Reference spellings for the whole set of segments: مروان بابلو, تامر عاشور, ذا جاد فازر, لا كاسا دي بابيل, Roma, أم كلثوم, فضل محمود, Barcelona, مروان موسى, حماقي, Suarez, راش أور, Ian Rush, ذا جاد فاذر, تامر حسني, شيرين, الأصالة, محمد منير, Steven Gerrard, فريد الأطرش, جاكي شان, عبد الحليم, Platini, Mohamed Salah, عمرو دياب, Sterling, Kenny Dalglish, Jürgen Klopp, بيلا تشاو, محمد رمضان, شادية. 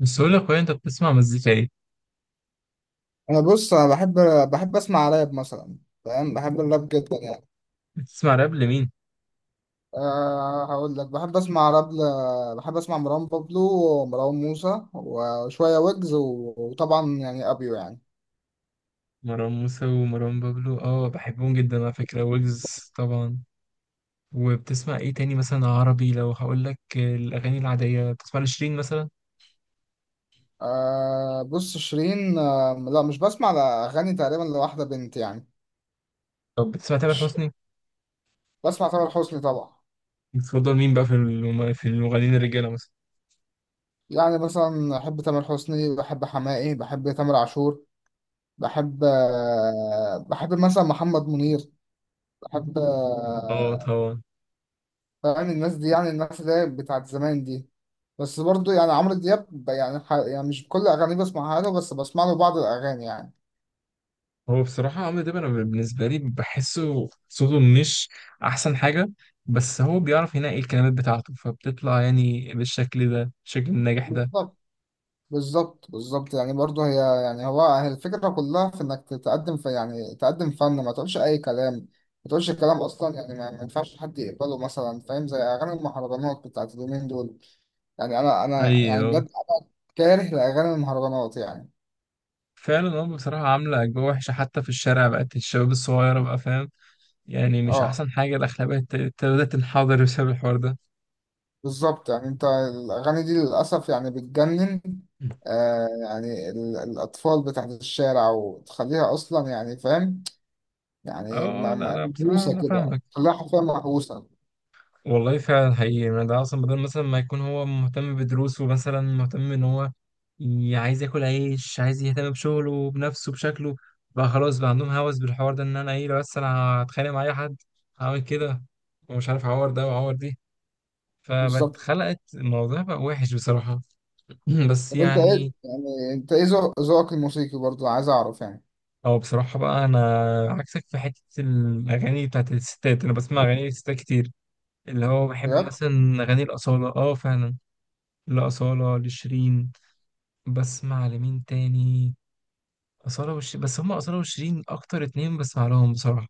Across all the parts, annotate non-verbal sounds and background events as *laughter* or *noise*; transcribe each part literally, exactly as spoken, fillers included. بس أقول لك أنت بتسمع مزيكا إيه؟ انا، بص، انا بحب بحب اسمع راب مثلا. فاهم؟ بحب الراب جدا يعني. بتسمع راب لمين؟ أه، هقول لك بحب اسمع راب ل... بحب اسمع مروان بابلو، ومروان موسى، وشويه ويجز و... وطبعا يعني ابيو يعني. مروان موسى ومروان بابلو، أه بحبهم جدا على فكرة. ويجز طبعا. وبتسمع إيه تاني، مثلا عربي؟ لو هقول لك الأغاني العادية، بتسمع لشيرين مثلا؟ أه، بص، شيرين، أه لا، مش بسمع لاغاني تقريبا لواحده بنت يعني. طب بتسمع تامر مش... حسني؟ بسمع تامر حسني طبعا. بتفضل مين بقى في الم- في المغنيين الرجالة مثلا؟ يعني مثلا بحب تامر حسني، بحب حماقي، بحب تامر عاشور. بحب أه بحب مثلا محمد منير. بحب أه آه، طبعا. يعني الناس دي، يعني الناس اللي هي بتاعت زمان دي. بس برضو يعني عمرو دياب، ب- يعني, ح... يعني مش كل أغانيه بسمعها له، بس بسمع له بعض الأغاني يعني. هو بصراحة عمرو دياب، أنا بالنسبة لي بحسه صوته مش أحسن حاجة، بس هو بيعرف ينقي الكلمات بتاعته، فبتطلع يعني بالشكل ده، الشكل الناجح ده. بالظبط، بالظبط، بالظبط، يعني برضو هي. يعني هو هي الفكرة كلها في إنك تقدم في يعني تقدم فن، ما تقولش أي كلام. ما تقولش كلام أصلا، يعني ما ما ينفعش حد يقبله مثلا. فاهم؟ زي أغاني المهرجانات بتاعت اليومين دول. يعني أنا أنا يعني ايوه بجد كاره لأغاني المهرجانات يعني. فعلا، هم بصراحة عاملة أجواء وحشة حتى في الشارع، بقت الشباب الصغيرة بقى فاهم، يعني مش اه، أحسن حاجة. الأخلاقية ابت- ابتدت تنحدر بسبب الحوار ده. بالظبط، يعني انت الاغاني دي للاسف يعني بتجنن. آه يعني ال- الاطفال بتاعت الشارع، وتخليها اصلا يعني. فاهم؟ يعني اه، آه، ما- لا ما- لا، بصراحة محبوسه أنا كده، فاهمك. تخليها حرفيا محبوسه. والله فعلا حقيقي، يعني ده أصلا بدل مثلا ما يكون هو مهتم بدروسه، مثلا مهتم إن هو ي- عايز ياكل عيش، عايز يهتم بشغله بنفسه بشكله، بقى خلاص بقى عندهم هوس بالحوار ده. إن أنا إيه، لو بس أنا هتخانق مع أي حد هعمل كده، ومش عارف أعور ده وأعور دي. فبقت بالظبط. خلقت الموضوع بقى وحش بصراحة. *laughs* *clears throat* بس طب انت ايه يعني، يعني انت ايه ذوق- ذوقك الموسيقي؟ برضو عايز اعرف يعني. او بصراحة بقى انا عكسك في حتة الاغاني بتاعت الستات. انا بسمع اغاني الستات كتير، اللي هو بحب بجد؟ مثلا اغاني الاصالة، اه فعلا. الاصالة لشيرين. بسمع لمين تاني؟ اصالة وشيرين بس، هما اصالة وشيرين اكتر اتنين بسمع لهم بصراحة،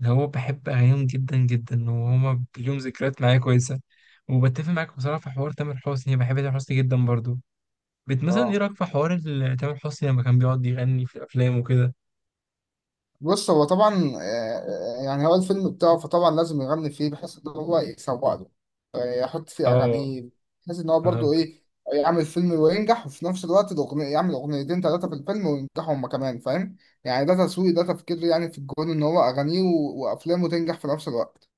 اللي هو بحب اغانيهم جدا جدا، وهما ليهم ذكريات معايا كويسة. وبتفق معاك بصراحة في حوار تامر حسني، بحب تامر حسني جدا برضو. بت مثلا ايه اه، رأيك في حوار ال- تامر حسني لما كان بيقعد يغني في الافلام وكده؟ بص، هو طبعا، آه، يعني هو الفيلم بتاعه، فطبعا لازم يغني فيه بحيث ان هو يسوق له. آه، يحط فيه اه اغانيه، بحيث ان هو برضه ايه، يعمل فيلم وينجح، وفي نفس الوقت الاغنيه يعمل اغنيتين ثلاثه في الفيلم وينجحوا هما كمان. فاهم؟ يعني ده تسويق، ده تفكير، يعني في الجون ان هو اغانيه و- وافلامه تنجح في نفس الوقت.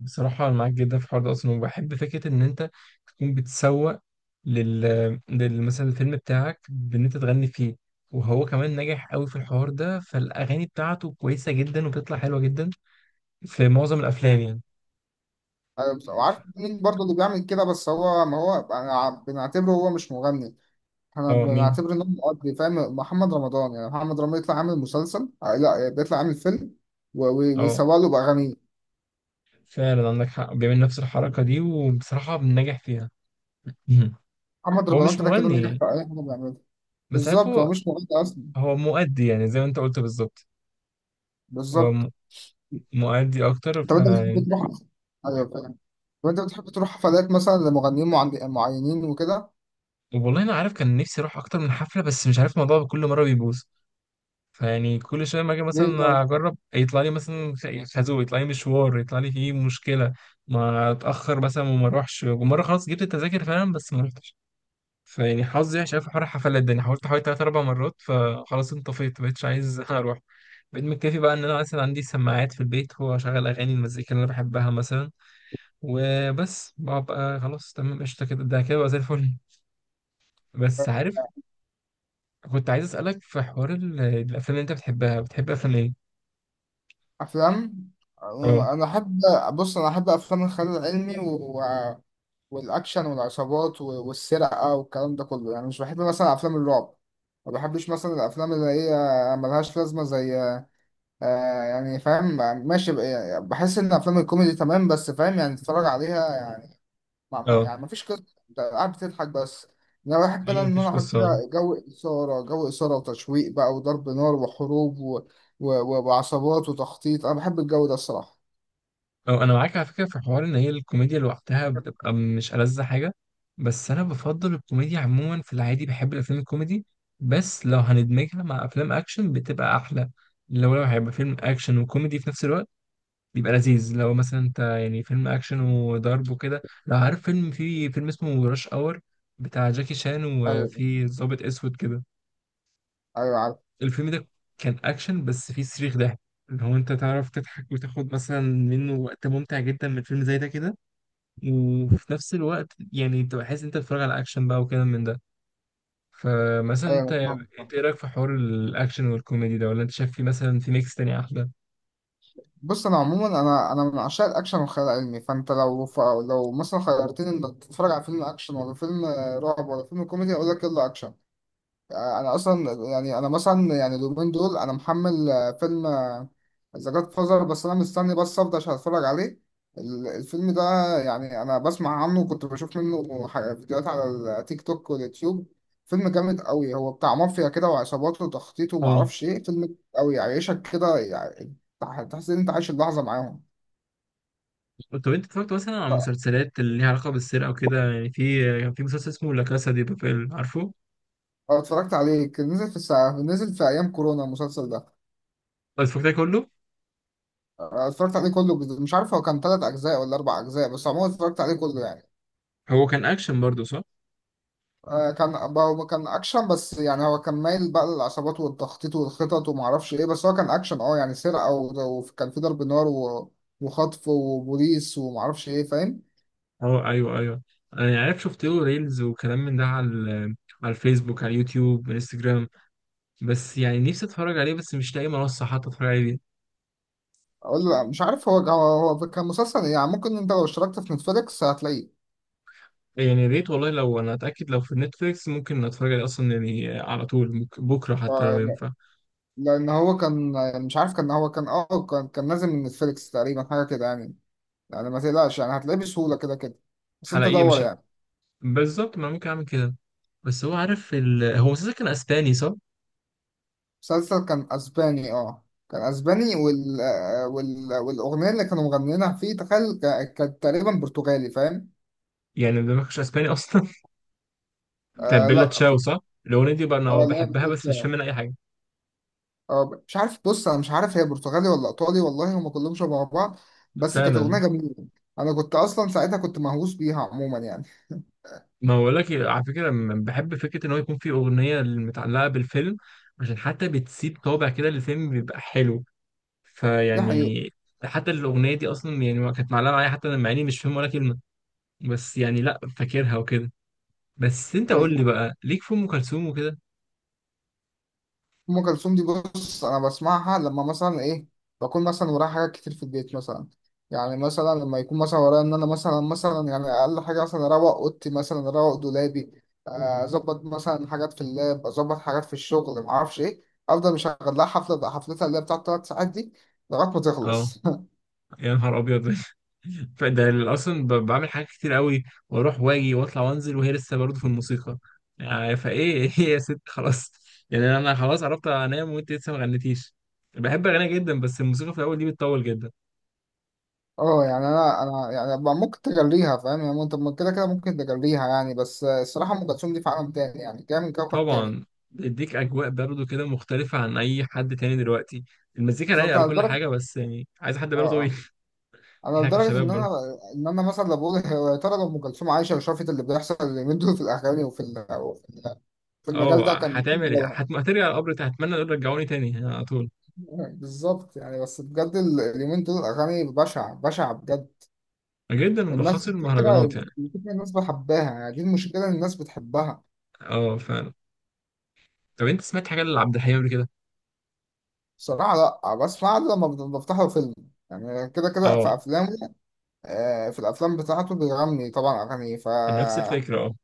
بصراحة أنا معاك جدا في حوار ده أصلا. وبحب فكرة إن أنت تكون بتسوق لل لل- مثلا الفيلم بتاعك، بإن أنت تغني فيه، وهو كمان ناجح قوي في الحوار ده. فالأغاني بتاعته كويسة جدا، وبتطلع حلوة جدا في معظم الأفلام يعني. آه، بس- وعارف مين برضه اللي بيعمل كده؟ بس هو، ما هو أنا ع- بنعتبره هو مش مغني. انا أه مين؟ بعتبر ان هو مقضي. فاهم؟ محمد رمضان، يعني محمد رمضان يطلع عامل مسلسل، آه، لا بيطلع عامل فيلم و- و- أه ويسوق له باغانيه. فعلا عندك حق، بيعمل نفس الحركة دي، وبصراحة بنجح فيها. مهم. محمد هو رمضان مش كده كده ناجح مغني، في اي حاجه بيعملها. بس عارف بالظبط، هو هو مش مغني اصلا. هو مؤدي يعني زي ما أنت قلت بالظبط. هو بالظبط. م- مؤدي أكتر. طب انت بتحب تروح؟ ايوه، فاهم. طب انت بتحب تروح حفلات مثلا لمغنيين معن- معينين وكده؟ والله انا عارف كان نفسي اروح اكتر من حفله، بس مش عارف الموضوع كل مره بيبوظ. فيعني كل شويه ما اجي ليه مثلا طيب؟ اجرب، يطلع لي مثلا خازوق، يطلع لي مشوار، يطلع لي فيه مشكله، ما اتاخر مثلا وما اروحش. ومره خلاص جبت التذاكر فعلا بس ما رحتش. فيعني حظي وحش أوي في حوار الحفلات ده، يعني حاولت حوالي ثلاث اربع مرات، فخلاص انطفيت ما بقتش عايز *laughs* اروح. بقيت مكتفي بقى ان انا مثلا عندي سماعات في البيت، هو شغال اغاني المزيكا اللي انا بحبها مثلا وبس، ببقى خلاص تمام قشطه كده، ده كده بقى زي الفل. بس عارف، كنت عايز اسالك في حوار ال- الافلام اللي انت بتحبها، بتحب افلام ايه؟ افلام، اه، آه، انا احب. بص، انا احب افلام الخيال العلمي والاكشن والعصابات، و- والسرقه والكلام ده كله، يعني مش بحب مثلا افلام الرعب. ما بحبش مثلا الافلام اللي هي ملهاش لازمه، زي آه يعني فاهم؟ ماشي، ب- يعني بحس ان افلام الكوميدي تمام، بس فاهم يعني تتفرج عليها يعني. ما ما- اه، يعني ما فيش قصه، انت قاعد بتضحك بس. انا بحب، انا ايوه ان مفيش انا اقعد قصه. كده، جو اثاره، جو اثاره وتشويق بقى، وضرب نار، وحروب، و... و... وعصابات وتخطيط. انا بحب الجو ده الصراحه. اه انا معاك على فكره في حوار ان هي الكوميديا لوحدها بتبقى مش ألذ حاجه. بس انا بفضل الكوميديا عموما، في العادي بحب الافلام الكوميدي، بس لو هندمجها مع افلام اكشن بتبقى احلى. لو لو هيبقى فيلم اكشن وكوميدي في نفس الوقت، بيبقى لذيذ. لو مثلا انت يعني فيلم اكشن وضرب وكده، لو عارف فيلم، في فيلم اسمه راش اور، بتاع جاكي شان ايوه، وفي ضابط اسود كده، ايوه، عارف. الفيلم ده كان اكشن بس فيه صريخ ضحك. اللي هو انت تعرف تضحك وتاخد مثلا منه وقت ممتع جدا من فيلم زي ده كده، وفي نفس الوقت يعني انت بحس انت بتتفرج على اكشن بقى وكده من ده. فمثلا انت ايوه، أنا فاهمك. انت ايه رايك في حوار الاكشن والكوميدي ده؟ ولا انت شايف في مثلا في ميكس تاني احلى؟ بص، انا عموما انا انا من عشاق الاكشن والخيال العلمي. فانت لو ف- لو مثلا خيرتني انك تتفرج على فيلم اكشن، ولا فيلم آه، رعب، ولا فيلم كوميدي، اقول لك يلا اكشن. آه، انا اصلا يعني انا مثلا، يعني اليومين دول انا محمل، آه، فيلم، آه، ذا جاد فازر. بس انا مستني بس افضى عشان اتفرج عليه. ال- الفيلم ده يعني انا بسمع عنه، وكنت بشوف منه ح- فيديوهات على التيك توك واليوتيوب. فيلم جامد قوي، هو بتاع مافيا كده وعصابات وتخطيط اه ومعرفش ايه. فيلم جامد قوي، يعيشك كده يعني. تح- تحس ان انت عايش اللحظه معاهم. طب انت اتفرجت مثلا على ف- مسلسلات اللي ليها علاقه بالسرقه وكده؟ يعني في كان في مسلسل اسمه لا كاسا دي بابيل، عارفه؟ أنا اتفرجت عليه، كان نزل في الساعة، نزل في ايام كورونا المسلسل ده. طب اتفرجت عليه كله؟ آه، اتفرجت عليه كله. مش عارف هو كان تلات أجزاء ولا أربع أجزاء، بس عموما اتفرجت عليه كله يعني. هو كان اكشن برضه صح؟ آه، كان هو كان أكشن، بس يعني هو كان مايل بقى للعصابات والتخطيط والخطط ومعرفش إيه. بس هو كان أكشن، أه يعني سرقة، و- وكان في ضرب نار، و- وخطف وبوليس ومعرفش إيه. فاهم؟ اه ايوه ايوه. انا يعني عارف، شفت له ريلز وكلام من ده على ال- على الفيسبوك، على اليوتيوب، انستجرام. بس يعني نفسي اتفرج عليه، بس مش لاقي منصه حتى اتفرج عليه بيها. أقول لا، مش عارف، هو هو هو كان مسلسل يعني. ممكن أنت لو اشتركت في نتفليكس هتلاقيه. يعني يا ريت والله، لو انا اتاكد لو في نتفليكس ممكن اتفرج عليه اصلا يعني على طول، ممكن بكره حتى لو آه، لا- ينفع. لأن هو كان، مش عارف، كان هو كان أه كان كان نازل من نتفليكس تقريبا، حاجة كده يعني. يعني ما تقلقش، يعني هتلاقيه بسهولة كده كده. بس أنت حلقيه دور مش ه- يعني. بالظبط، ما أنا ممكن اعمل كده. بس هو عارف ال... هو اساسا كان اسباني صح؟ مسلسل كان اسباني، اه كان اسباني، وال... آه، وال... والاغنيه اللي كانوا مغنيينها فيه تخيل ك- كانت تقريبا برتغالي. فاهم؟ يعني ده ما كانش اسباني اصلا *laughs* بتاع آه بيلا لا مش. تشاو صح؟ الاغنيه دي بقى اه انا لا مش بحبها بس عارف. مش فاهم اه، منها اي حاجه. آه، مش عارف. بص انا مش عارف هي برتغالي ولا ايطالي، والله هم كلهم شبه بعض. بس كانت الاغنيه فعلا. جميله. انا كنت اصلا ساعتها كنت مهووس بيها عموما يعني. ما بقول لك على فكره، م- بحب فكره ان هو يكون في اغنيه متعلقه بالفيلم، عشان حتى بتسيب طابع كده للفيلم بيبقى حلو. دي حقيقه. فيعني حتى الاغنيه دي اصلا يعني ما كانت معلقه معايا حتى، انا مع اني مش فاهم ولا كلمه، بس يعني لا فاكرها وكده. بس انت قول لي بقى ليك في ام كلثوم وكده. ام كلثوم دي، بص انا بسمعها لما مثلا ايه، بكون مثلا ورايا حاجات كتير في البيت مثلا. يعني مثلا لما يكون مثلا ورايا ان انا مثلا مثلا، يعني اقل حاجه مثلا اروق اوضتي، مثلا اروق دولابي، آه، اظبط مثلا حاجات في اللاب، اظبط حاجات في الشغل، ما اعرفش ايه. افضل مشغل لها حفله بقى، حفلتها اللي هي بتاعت ثلاث ساعات دي، لغايه ما اه تخلص. *laughs* يا نهار ابيض، فده اصلا ب- بعمل حاجات كتير قوي، واروح واجي واطلع وانزل، وهي لسه برضه في الموسيقى. يعني فايه *laughs* ايه يا ست خلاص؟ يعني انا خلاص عرفت انام وانت لسه ما غنيتيش. بحب اغني جدا بس الموسيقى في الاول دي بتطول جدا. اه، يعني انا انا يعني بقى ممكن تجريها. فاهم؟ يعني انت ممكن- كده كده ممكن تجريها يعني. بس آه، الصراحه ام كلثوم دي في عالم تاني، يعني جايه من كوكب تاني. طبعا، بيديك اجواء برضه كده مختلفه عن اي حد تاني دلوقتي. المزيكا بالظبط، رايقه على وكل لدرجه، حاجه بس يعني عايز حد اه، باله طويل آه. انا *laughs* احنا لدرجه ان كشباب انا برضه، ان انا مثلا لو بقول يا ترى لو ام كلثوم عايشه وشافت اللي بيحصل اليومين دول في الاغاني وفي ال- وفي، في المجال ده، اه كان إيه هتعمل ايه؟ دورها؟ هت- هترجع القبر تاني. هتمنى دول رجعوني تاني يعني على طول. بالظبط، يعني بس بجد ال- اليومين دول الاغاني بشعه بشعه بجد. جدا والناس، ملخص الفكره، المهرجانات يعني. الفكره الناس بحبها، يعني دي المشكله، ان الناس بتحبها. اه فعلا. طب انت سمعت حاجه لعبد الحليم قبل كده؟ بصراحه لا، بسمع له لما بت- بفتحه فيلم. يعني كده كده في اه افلامه. آه، في الافلام بتاعته بيغني طبعا اغاني، ف نفس الفكرة، اه.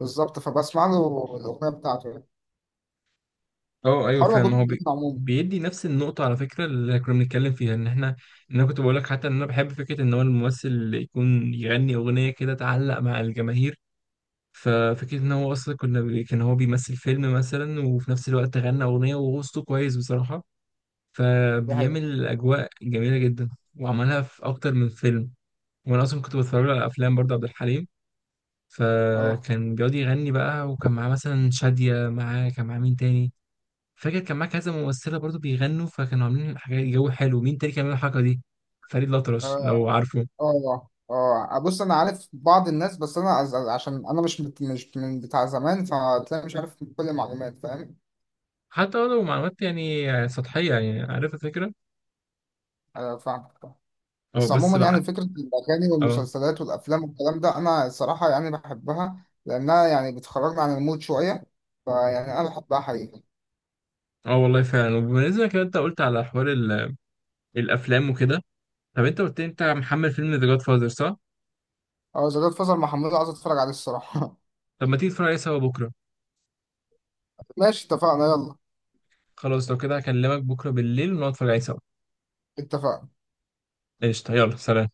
بالظبط فبسمع له الاغنيه بتاعته، اه ايوه حوار فعلا، موجود ما في هو الدنيا بي... عموما. بيدي نفس النقطة على فكرة اللي كنا بنتكلم فيها، ان احنا، ان انا كنت بقول لك حتى ان انا بحب فكرة ان هو الممثل اللي يكون يغني اغنية كده تعلق مع الجماهير. ففكرة ان هو اصلا كنا بي... كان هو بيمثل فيلم مثلا، وفي نفس الوقت غنى اغنية، وهو صوته كويس بصراحة، دي حقيقة. فبيعمل اجواء جميلة جدا. وعملها في اكتر من فيلم. وانا اصلا كنت بتفرج على افلام برضه عبد الحليم، اه، فكان بيقعد يغني بقى، وكان معاه مثلا شادية، معاه كان معاه مين تاني، فاكر كان معاه كذا ممثله برضو بيغنوا، فكانوا عاملين حاجات جو حلو. مين تاني كان عامل الحركه دي؟ فريد الأطرش لو اه، عارفه. اه، اه. بص، انا عارف بعض الناس، بس انا أز- أز- عشان انا مش مت- مش من بتاع زمان، فتلاقي مش عارف كل المعلومات. فاهم؟ حتى لو معلومات يعني سطحيه، يعني عارف الفكره. انا فاهم. اه بس بس عموما بقى. يعني فكره الاغاني اه. والمسلسلات والافلام والكلام ده، انا الصراحه يعني بحبها، لانها يعني بتخرجنا عن المود شويه. فيعني انا بحبها حقيقي. اه والله فعلا. وبالنسبه كده انت قلت على حوار ال- الافلام وكده، طب انت قلت لي انت محمل فيلم ذا جاد فاذر صح؟ اه، زي ده فضل محمود عايز اتفرج عليه الصراحه. طب ما تيجي تتفرج عليه سوا بكره. *laughs* ماشي، اتفقنا، يلا. خلاص لو كده هكلمك بكره بالليل ونقعد نتفرج عليه سوا. اتفقنا. قشطه، يلا سلام.